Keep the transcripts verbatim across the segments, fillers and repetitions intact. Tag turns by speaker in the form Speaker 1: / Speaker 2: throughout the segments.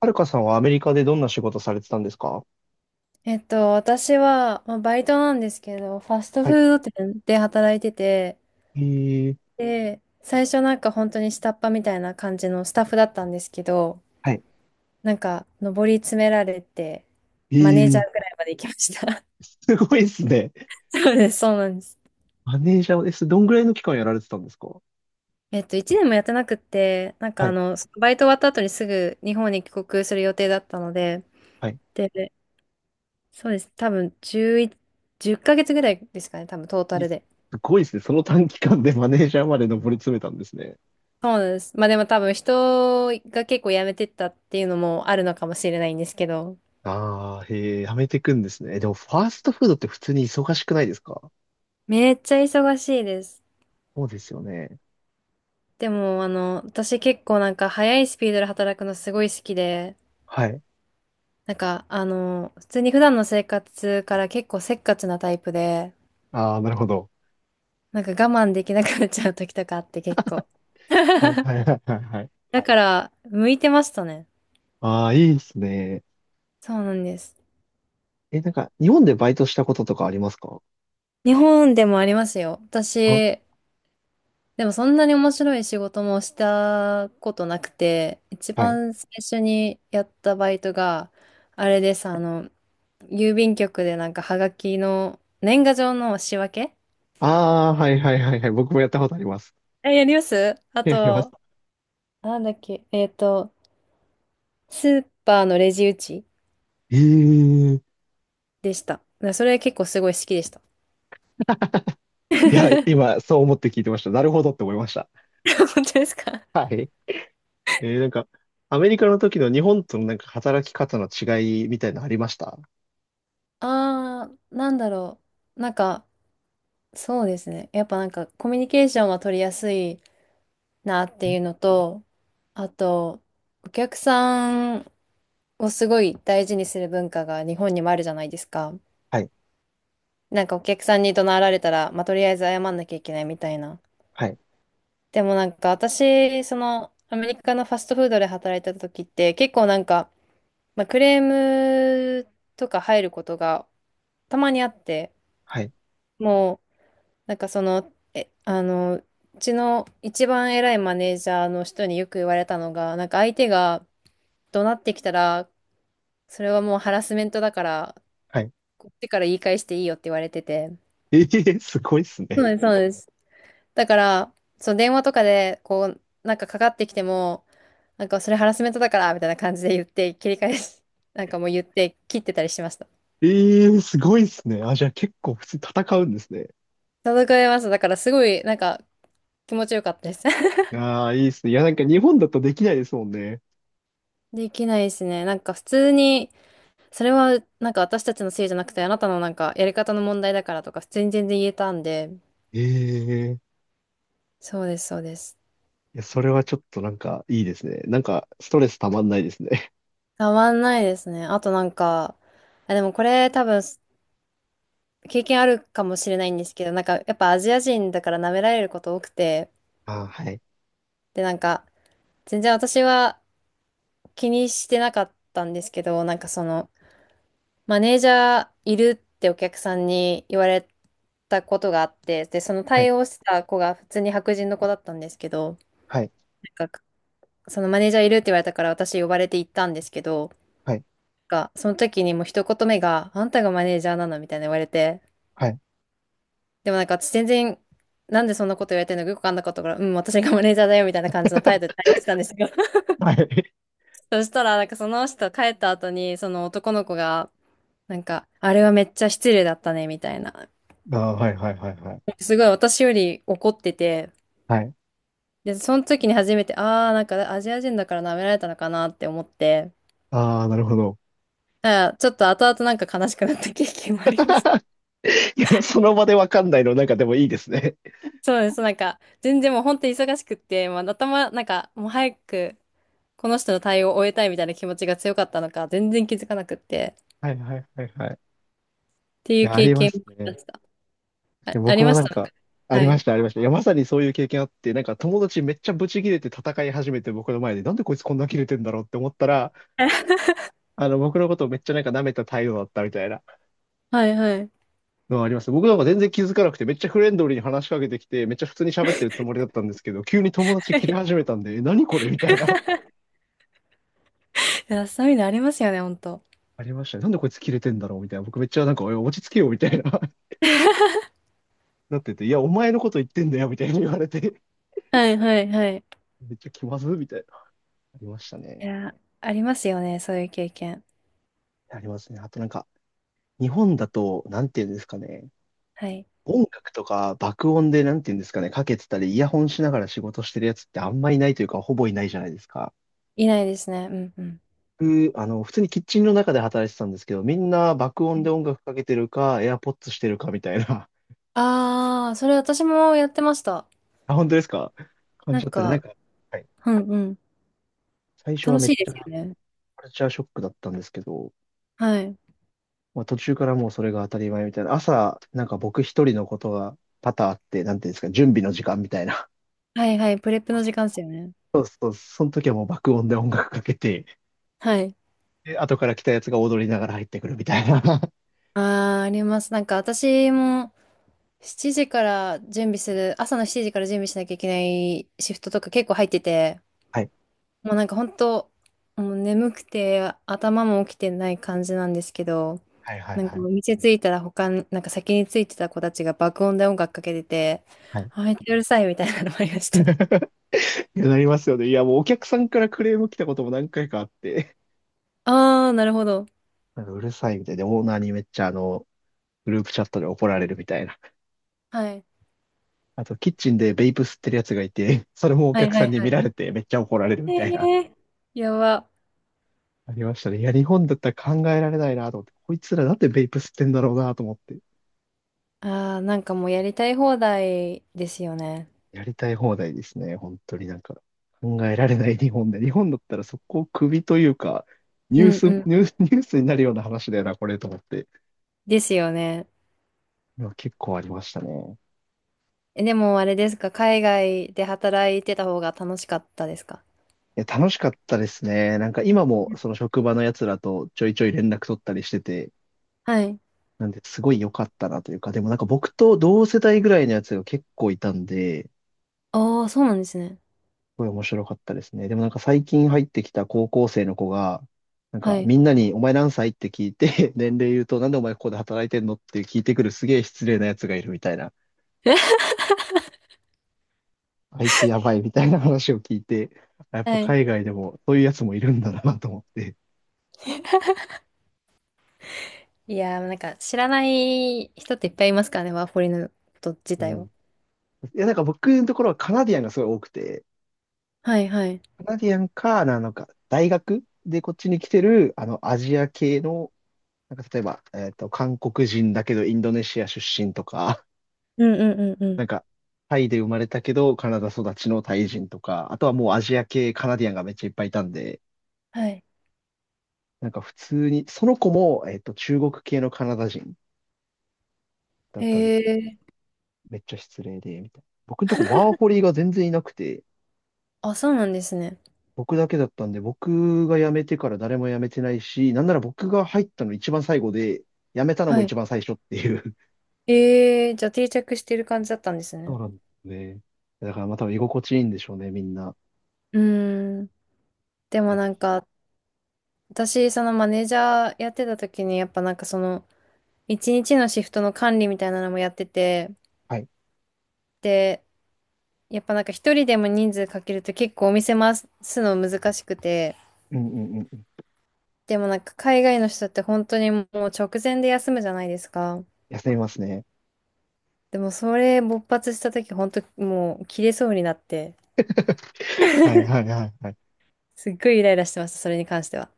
Speaker 1: はるかさんはアメリカでどんな仕事されてたんですか？
Speaker 2: えっと、私は、まあ、バイトなんですけど、ファスト
Speaker 1: はい。
Speaker 2: フード店で働いてて、
Speaker 1: えー、
Speaker 2: で、最初なんか本当に下っ端みたいな感じのスタッフだったんですけど、
Speaker 1: はい。
Speaker 2: なんか上り詰められて、
Speaker 1: え
Speaker 2: マネージャ
Speaker 1: ー、
Speaker 2: ーくらいまで行きました。
Speaker 1: すごいですね。
Speaker 2: そうです、そうなんです。
Speaker 1: マネージャーです。どんぐらいの期間やられてたんですか？
Speaker 2: えっと、いちねんもやってなくって、なんか
Speaker 1: は
Speaker 2: あ
Speaker 1: い。
Speaker 2: の、そのバイト終わった後にすぐ日本に帰国する予定だったので、
Speaker 1: はい。
Speaker 2: で、そうです、多分11、じゅっかげつぐらいですかね、多分トータ
Speaker 1: いや
Speaker 2: ル
Speaker 1: す
Speaker 2: で。
Speaker 1: ごいですね。その短期間で マネージャーまで上り詰めたんですね。
Speaker 2: そうなんです。まあでも多分人が結構辞めてったっていうのもあるのかもしれないんですけど、
Speaker 1: ああ、へえ、やめてくんですね。でも、ファーストフードって普通に忙しくないですか？
Speaker 2: めっちゃ忙しいです。
Speaker 1: そうですよね。
Speaker 2: でもあの、私結構なんか早いスピードで働くのすごい好きで、
Speaker 1: はい。
Speaker 2: なんかあの、普通に普段の生活から結構せっかちなタイプで、
Speaker 1: ああ、なるほど。
Speaker 2: なんか我慢できなくなっちゃう時とかあって結構。
Speaker 1: はい、はい、はい、はい。はい。
Speaker 2: だから、向いてましたね。
Speaker 1: ああ、いいですね。
Speaker 2: そうなんです。
Speaker 1: え、なんか、日本でバイトしたこととかありますか？
Speaker 2: 日本でもありますよ。
Speaker 1: あ、
Speaker 2: 私、でもそんなに面白い仕事もしたことなくて、一
Speaker 1: はい。
Speaker 2: 番最初にやったバイトが、あれです、あの、郵便局でなんかはがきの年賀状の仕分け。
Speaker 1: ああ、はいはいはいはい。僕もやったことあります。
Speaker 2: え、やります。あ
Speaker 1: やりま
Speaker 2: と、
Speaker 1: す。
Speaker 2: なんだっけ、えっと、スーパーのレジ打ち
Speaker 1: ええー、
Speaker 2: でした。だからそれ結構すごい好きでした。
Speaker 1: いや、今、そう思って聞いてました。なるほどって思いました。
Speaker 2: 本当ですか？
Speaker 1: はい。えー、なんか、アメリカの時の日本とのなんか働き方の違いみたいなのありました？
Speaker 2: あー、なんだろう。なんか、そうですね。やっぱなんかコミュニケーションは取りやすいなっていうのと、あと、お客さんをすごい大事にする文化が日本にもあるじゃないですか。
Speaker 1: はい、
Speaker 2: なんかお客さんに怒鳴られたら、まあ、とりあえず謝んなきゃいけないみたいな。
Speaker 1: はい、
Speaker 2: でもなんか私、そのアメリカのファストフードで働いてた時って結構なんか、まあ、クレームとか入ることがたまにあって、
Speaker 1: はい、
Speaker 2: もうなんかその、え、あの、うちの一番偉いマネージャーの人によく言われたのが、なんか相手が、怒鳴ってきたら、それはもうハラスメントだから、
Speaker 1: はい。
Speaker 2: こっちから言い返していいよって言われてて。
Speaker 1: ええー、すごいっす
Speaker 2: そ
Speaker 1: ね。
Speaker 2: うです、そうです。だから、その電話とかで、こう、なんかかかってきても、なんかそれハラスメントだから、みたいな感じで言って、切り返し、なんかもう言って切ってたりしました。
Speaker 1: ええー、すごいっすね。あ、じゃあ結構普通に戦うんですね。
Speaker 2: 届かれました。だからすごい、なんか気持ちよかったです。
Speaker 1: いやー、いいっすね。いや、なんか日本だとできないですもんね。
Speaker 2: できないですね。なんか普通に、それはなんか私たちのせいじゃなくて、あなたのなんかやり方の問題だからとか、普通に全然言えたんで、
Speaker 1: ええー、
Speaker 2: そうです、そうです。
Speaker 1: いや、それはちょっとなんかいいですね。なんか、ストレスたまんないですね。
Speaker 2: たまんないですね。あとなんか、あ、でもこれ多分経験あるかもしれないんですけど、なんかやっぱアジア人だから舐められること多くて、
Speaker 1: あー、はい。
Speaker 2: でなんか全然私は気にしてなかったんですけど、なんかそのマネージャーいるってお客さんに言われたことがあって、でその
Speaker 1: はい
Speaker 2: 対応した子が普通に白人の子だったんですけど、
Speaker 1: はい
Speaker 2: なんかそのマネージャーいるって言われたから私呼ばれて行ったんですけど、
Speaker 1: はい。
Speaker 2: が、その時にもう一言目が、あんたがマネージャーなのみたいな言われて、
Speaker 1: はい。
Speaker 2: でもなんか私全然、なんでそんなこと言われてるのかよくわかんなかったから、うん、私がマネージャーだよみたいな感じの態度で 対応してたんですよ。
Speaker 1: はい。
Speaker 2: そしたら、なんかその人帰った後に、その男の子が、なんか、あれはめっちゃ失礼だったね、みたいな。
Speaker 1: ああ、はい、はい、はい、はい。
Speaker 2: すごい私より怒ってて、
Speaker 1: はい。
Speaker 2: で、その時に初めて、ああ、なんかアジア人だから舐められたのかなって思って、
Speaker 1: ああ、なるほど。
Speaker 2: だからちょっと後々なんか悲しくなった経験もありました。
Speaker 1: いや、その場でわかんないの、なんかでもいいですね。
Speaker 2: そうです。なんか、全然もう本当に忙しくって、まあ、頭、なんか、もう早く、この人の対応を終えたいみたいな気持ちが強かったのか、全然気づかなくって、っ
Speaker 1: はい、はい、はい、はい。
Speaker 2: てい
Speaker 1: い
Speaker 2: う
Speaker 1: や、あ
Speaker 2: 経
Speaker 1: りま
Speaker 2: 験を
Speaker 1: す
Speaker 2: 思い
Speaker 1: ね。
Speaker 2: 出した。あ、あり
Speaker 1: 僕
Speaker 2: ま
Speaker 1: もな
Speaker 2: し
Speaker 1: ん
Speaker 2: た。
Speaker 1: か、あ
Speaker 2: は
Speaker 1: りま
Speaker 2: い。
Speaker 1: した、ありました。いや、まさにそういう経験あって、なんか友達めっちゃブチ切れて戦い始めて僕の前で、なんでこいつこんな切れてんだろうって思ったら、あの、僕のことをめっちゃなんか舐めた態度だったみたいな
Speaker 2: はいはい。
Speaker 1: のはあります。僕なんか全然気づかなくて、めっちゃフレンドリーに話しかけてきて、めっちゃ普通に喋ってるつもりだったんですけど、急に友達
Speaker 2: は
Speaker 1: 切れ
Speaker 2: い。
Speaker 1: 始めたんで、え何これみたいな。
Speaker 2: いや、そういうのありますよね、ほんと。
Speaker 1: ありましたね。なんでこいつ切れてんだろうみたいな。僕めっちゃなんか、おい落ち着けよみたいな なってて、いや、お前のこと言ってんだよみたいに言われて、
Speaker 2: はいはいはい。
Speaker 1: めっちゃ気まずみたいな。ありました
Speaker 2: い
Speaker 1: ね。
Speaker 2: や、ありますよね、そういう経験。
Speaker 1: ありますね。あとなんか、日本だと、なんていうんですかね。
Speaker 2: はい。
Speaker 1: 音楽とか爆音でなんていうんですかね、かけてたり、イヤホンしながら仕事してるやつってあんまいないというか、ほぼいないじゃないですか。
Speaker 2: いないですね。うんうん。
Speaker 1: 僕、あの、普通にキッチンの中で働いてたんですけど、みんな爆音で音楽かけてるか、AirPods してるかみたいな。
Speaker 2: ああ、それ私もやってました。
Speaker 1: あ、本当ですか？感
Speaker 2: な
Speaker 1: じ
Speaker 2: ん
Speaker 1: だったら、なん
Speaker 2: か、
Speaker 1: か、はい。
Speaker 2: うんうん。
Speaker 1: 最初は
Speaker 2: 楽
Speaker 1: めっ
Speaker 2: しいで
Speaker 1: ちゃ、
Speaker 2: すよね。
Speaker 1: カルチャーショックだったんですけど、
Speaker 2: はい。
Speaker 1: まあ、途中からもうそれが当たり前みたいな、朝、なんか僕一人のことが多々あって、なんていうんですか、準備の時間みたいな。
Speaker 2: はいはい。プレップの時間ですよね。
Speaker 1: そう、その時はもう爆音で音楽かけて、
Speaker 2: はい。
Speaker 1: で、後から来たやつが踊りながら入ってくるみたいな。
Speaker 2: ああ、あります。なんか私も、しちじから準備する、朝のしちじから準備しなきゃいけないシフトとか結構入ってて、
Speaker 1: はい。
Speaker 2: もうなんか本当、もう眠くて頭も起きてない感じなんですけど、
Speaker 1: はいはい
Speaker 2: なん
Speaker 1: は
Speaker 2: かお
Speaker 1: い。
Speaker 2: 店着いたら他に、なんか先に着いてた子たちが爆音で音楽かけてて、
Speaker 1: はい。
Speaker 2: あ、めっちゃうるさいみたいなのもありました。
Speaker 1: いや、なりますよね。いや、もうお客さんからクレーム来たことも何回かあって、
Speaker 2: あー、なるほど。
Speaker 1: なんかうるさいみたいで、オーナーにめっちゃあの、グループチャットで怒られるみたいな。
Speaker 2: はい。
Speaker 1: あと、キッチンでベイプ吸ってるやつがいて、それもお
Speaker 2: はい
Speaker 1: 客さ
Speaker 2: は
Speaker 1: ん
Speaker 2: い
Speaker 1: に
Speaker 2: は
Speaker 1: 見
Speaker 2: い。
Speaker 1: られてめっちゃ怒られるみたいな。
Speaker 2: えー、やば。
Speaker 1: ありましたね。いや、日本だったら考えられないなと思って、こいつらなんでベイプ吸ってんだろうなと思って、
Speaker 2: あー、なんかもうやりたい放題ですよね。
Speaker 1: やりたい放題ですね。本当になんか、考えられない日本で。日本だったらそこを首というか、ニ
Speaker 2: う
Speaker 1: ュー
Speaker 2: ん
Speaker 1: ス、
Speaker 2: う
Speaker 1: ニ
Speaker 2: ん。
Speaker 1: ュース、ニュースになるような話だよな、これと思って。
Speaker 2: ですよね。
Speaker 1: いや結構ありましたね。
Speaker 2: え、でもあれですか、海外で働いてた方が楽しかったですか？
Speaker 1: いや、楽しかったですね。なんか今もその職場の奴らとちょいちょい連絡取ったりしてて、
Speaker 2: はい。
Speaker 1: なんで、すごい良かったなというか、でもなんか僕と同世代ぐらいのやつが結構いたんで、
Speaker 2: ああ、そうなんですね。
Speaker 1: ごい面白かったですね。でもなんか最近入ってきた高校生の子が、なん
Speaker 2: は
Speaker 1: か
Speaker 2: い。
Speaker 1: みんなにお前何歳って聞いて、年齢言うとなんでお前ここで働いてんのって聞いてくるすげえ失礼なやつがいるみたいな。あいつやばいみたいな話を聞いて、やっぱ
Speaker 2: はい。
Speaker 1: 海外でもそういうやつもいるんだなと思って。
Speaker 2: いやー、なんか知らない人っていっぱいいますからね、ワーホリのこと自
Speaker 1: う
Speaker 2: 体
Speaker 1: ん。
Speaker 2: を。
Speaker 1: いやなんか僕のところはカナディアンがすごい多くて、
Speaker 2: はいはい。
Speaker 1: カナディアンか、なのか、大学でこっちに来てる、あの、アジア系の、なんか例えば、えっと、韓国人だけどインドネシア出身とか、
Speaker 2: うんうんうんう
Speaker 1: な
Speaker 2: ん。
Speaker 1: んか、タイで生まれたけど、カナダ育ちのタイ人とか、あとはもうアジア系カナディアンがめっちゃいっぱいいたんで、
Speaker 2: はい。
Speaker 1: なんか普通に、その子も、えっと、中国系のカナダ人だっ
Speaker 2: へ
Speaker 1: たんですけど、
Speaker 2: え。
Speaker 1: めっちゃ失礼で、みたいな。僕のとこワーホリが全然いなくて、
Speaker 2: あ、そうなんですね。
Speaker 1: 僕だけだったんで、僕が辞めてから誰も辞めてないし、なんなら僕が入ったの一番最後で、辞めたのも
Speaker 2: はい。
Speaker 1: 一番最初っていう。
Speaker 2: ええ、じゃあ定着してる感じだったんです
Speaker 1: そう
Speaker 2: ね。
Speaker 1: なんですね。だからまあ多分居心地いいんでしょうね、みんな。
Speaker 2: うーん。で
Speaker 1: い
Speaker 2: も
Speaker 1: や、
Speaker 2: なんか、私、そのマネージャーやってた時に、やっぱなんかその、一日のシフトの管理みたいなのもやってて、
Speaker 1: はい。
Speaker 2: で、やっぱなんか一人でも人数かけると結構お店回すの難しくて、
Speaker 1: うんうんうんうん。
Speaker 2: でもなんか海外の人って本当にもう直前で休むじゃないですか。
Speaker 1: 休みますね。
Speaker 2: でもそれ勃発した時本当もう切れそうになって、
Speaker 1: はいはいはいはい。
Speaker 2: すっごいイライラしてました、それに関しては。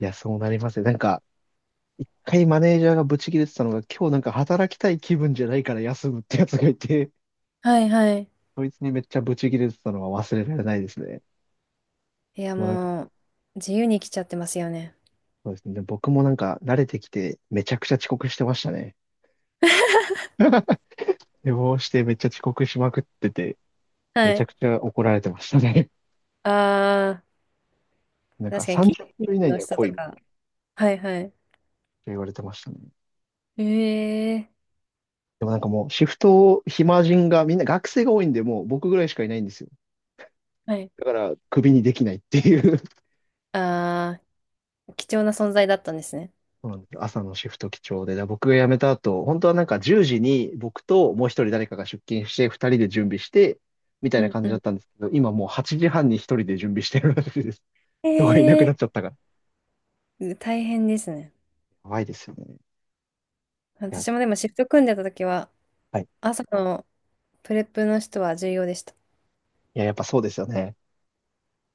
Speaker 1: いや、そうなりますね。なんか、一回マネージャーがブチ切れてたのが、今日なんか働きたい気分じゃないから休むってやつがいて、
Speaker 2: はいはい。
Speaker 1: そいつにめっちゃブチ切れてたのは忘れられないですね。
Speaker 2: いや
Speaker 1: もうなんか、
Speaker 2: もう、自由に来ちゃってますよね。
Speaker 1: そうですね。僕もなんか慣れてきて、めちゃくちゃ遅刻してましたね。寝坊してめっちゃ遅刻しまくってて、
Speaker 2: は
Speaker 1: めちゃ
Speaker 2: い。
Speaker 1: くちゃ怒られてましたね。
Speaker 2: ああ、
Speaker 1: なんか
Speaker 2: 確かに、キッ
Speaker 1: 30
Speaker 2: チ
Speaker 1: 分以
Speaker 2: ン
Speaker 1: 内に
Speaker 2: の
Speaker 1: は
Speaker 2: 人
Speaker 1: 来
Speaker 2: と
Speaker 1: いみたい
Speaker 2: か、はいはい。
Speaker 1: な言われてましたね。
Speaker 2: ええ、
Speaker 1: でもなんかもうシフトを暇人がみんな学生が多いんで、もう僕ぐらいしかいないんですよ。
Speaker 2: はい。
Speaker 1: だからクビにできないっていう、
Speaker 2: ああー、貴重な存在だったんですね。
Speaker 1: そうなんですよ、朝のシフト基調で、だ僕が辞めた後、本当はなんかじゅうじに僕ともう一人誰かが出勤して、ふたりで準備して、みたい
Speaker 2: う
Speaker 1: な
Speaker 2: ん
Speaker 1: 感
Speaker 2: う
Speaker 1: じだっ
Speaker 2: ん。
Speaker 1: たんですけど、今もうはちじはんに一人で準備してるらしいです。人がいなくなっちゃっ
Speaker 2: え、
Speaker 1: たから。
Speaker 2: うん、大変ですね。
Speaker 1: やばいですよね。いや、
Speaker 2: 私もでもシフト組んでた時は、
Speaker 1: はい。
Speaker 2: 朝のプレップの人は重要でした。
Speaker 1: いや、やっぱそうですよね。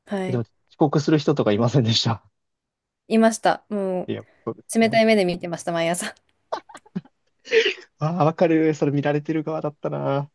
Speaker 2: は
Speaker 1: え、でも
Speaker 2: い。
Speaker 1: 遅刻する人とかいませんでした？
Speaker 2: いました。も
Speaker 1: いや、そうです
Speaker 2: う、
Speaker 1: よ
Speaker 2: 冷
Speaker 1: ね。
Speaker 2: たい目で見てました、毎朝。
Speaker 1: ああ、わかる。それ見られてる側だったな。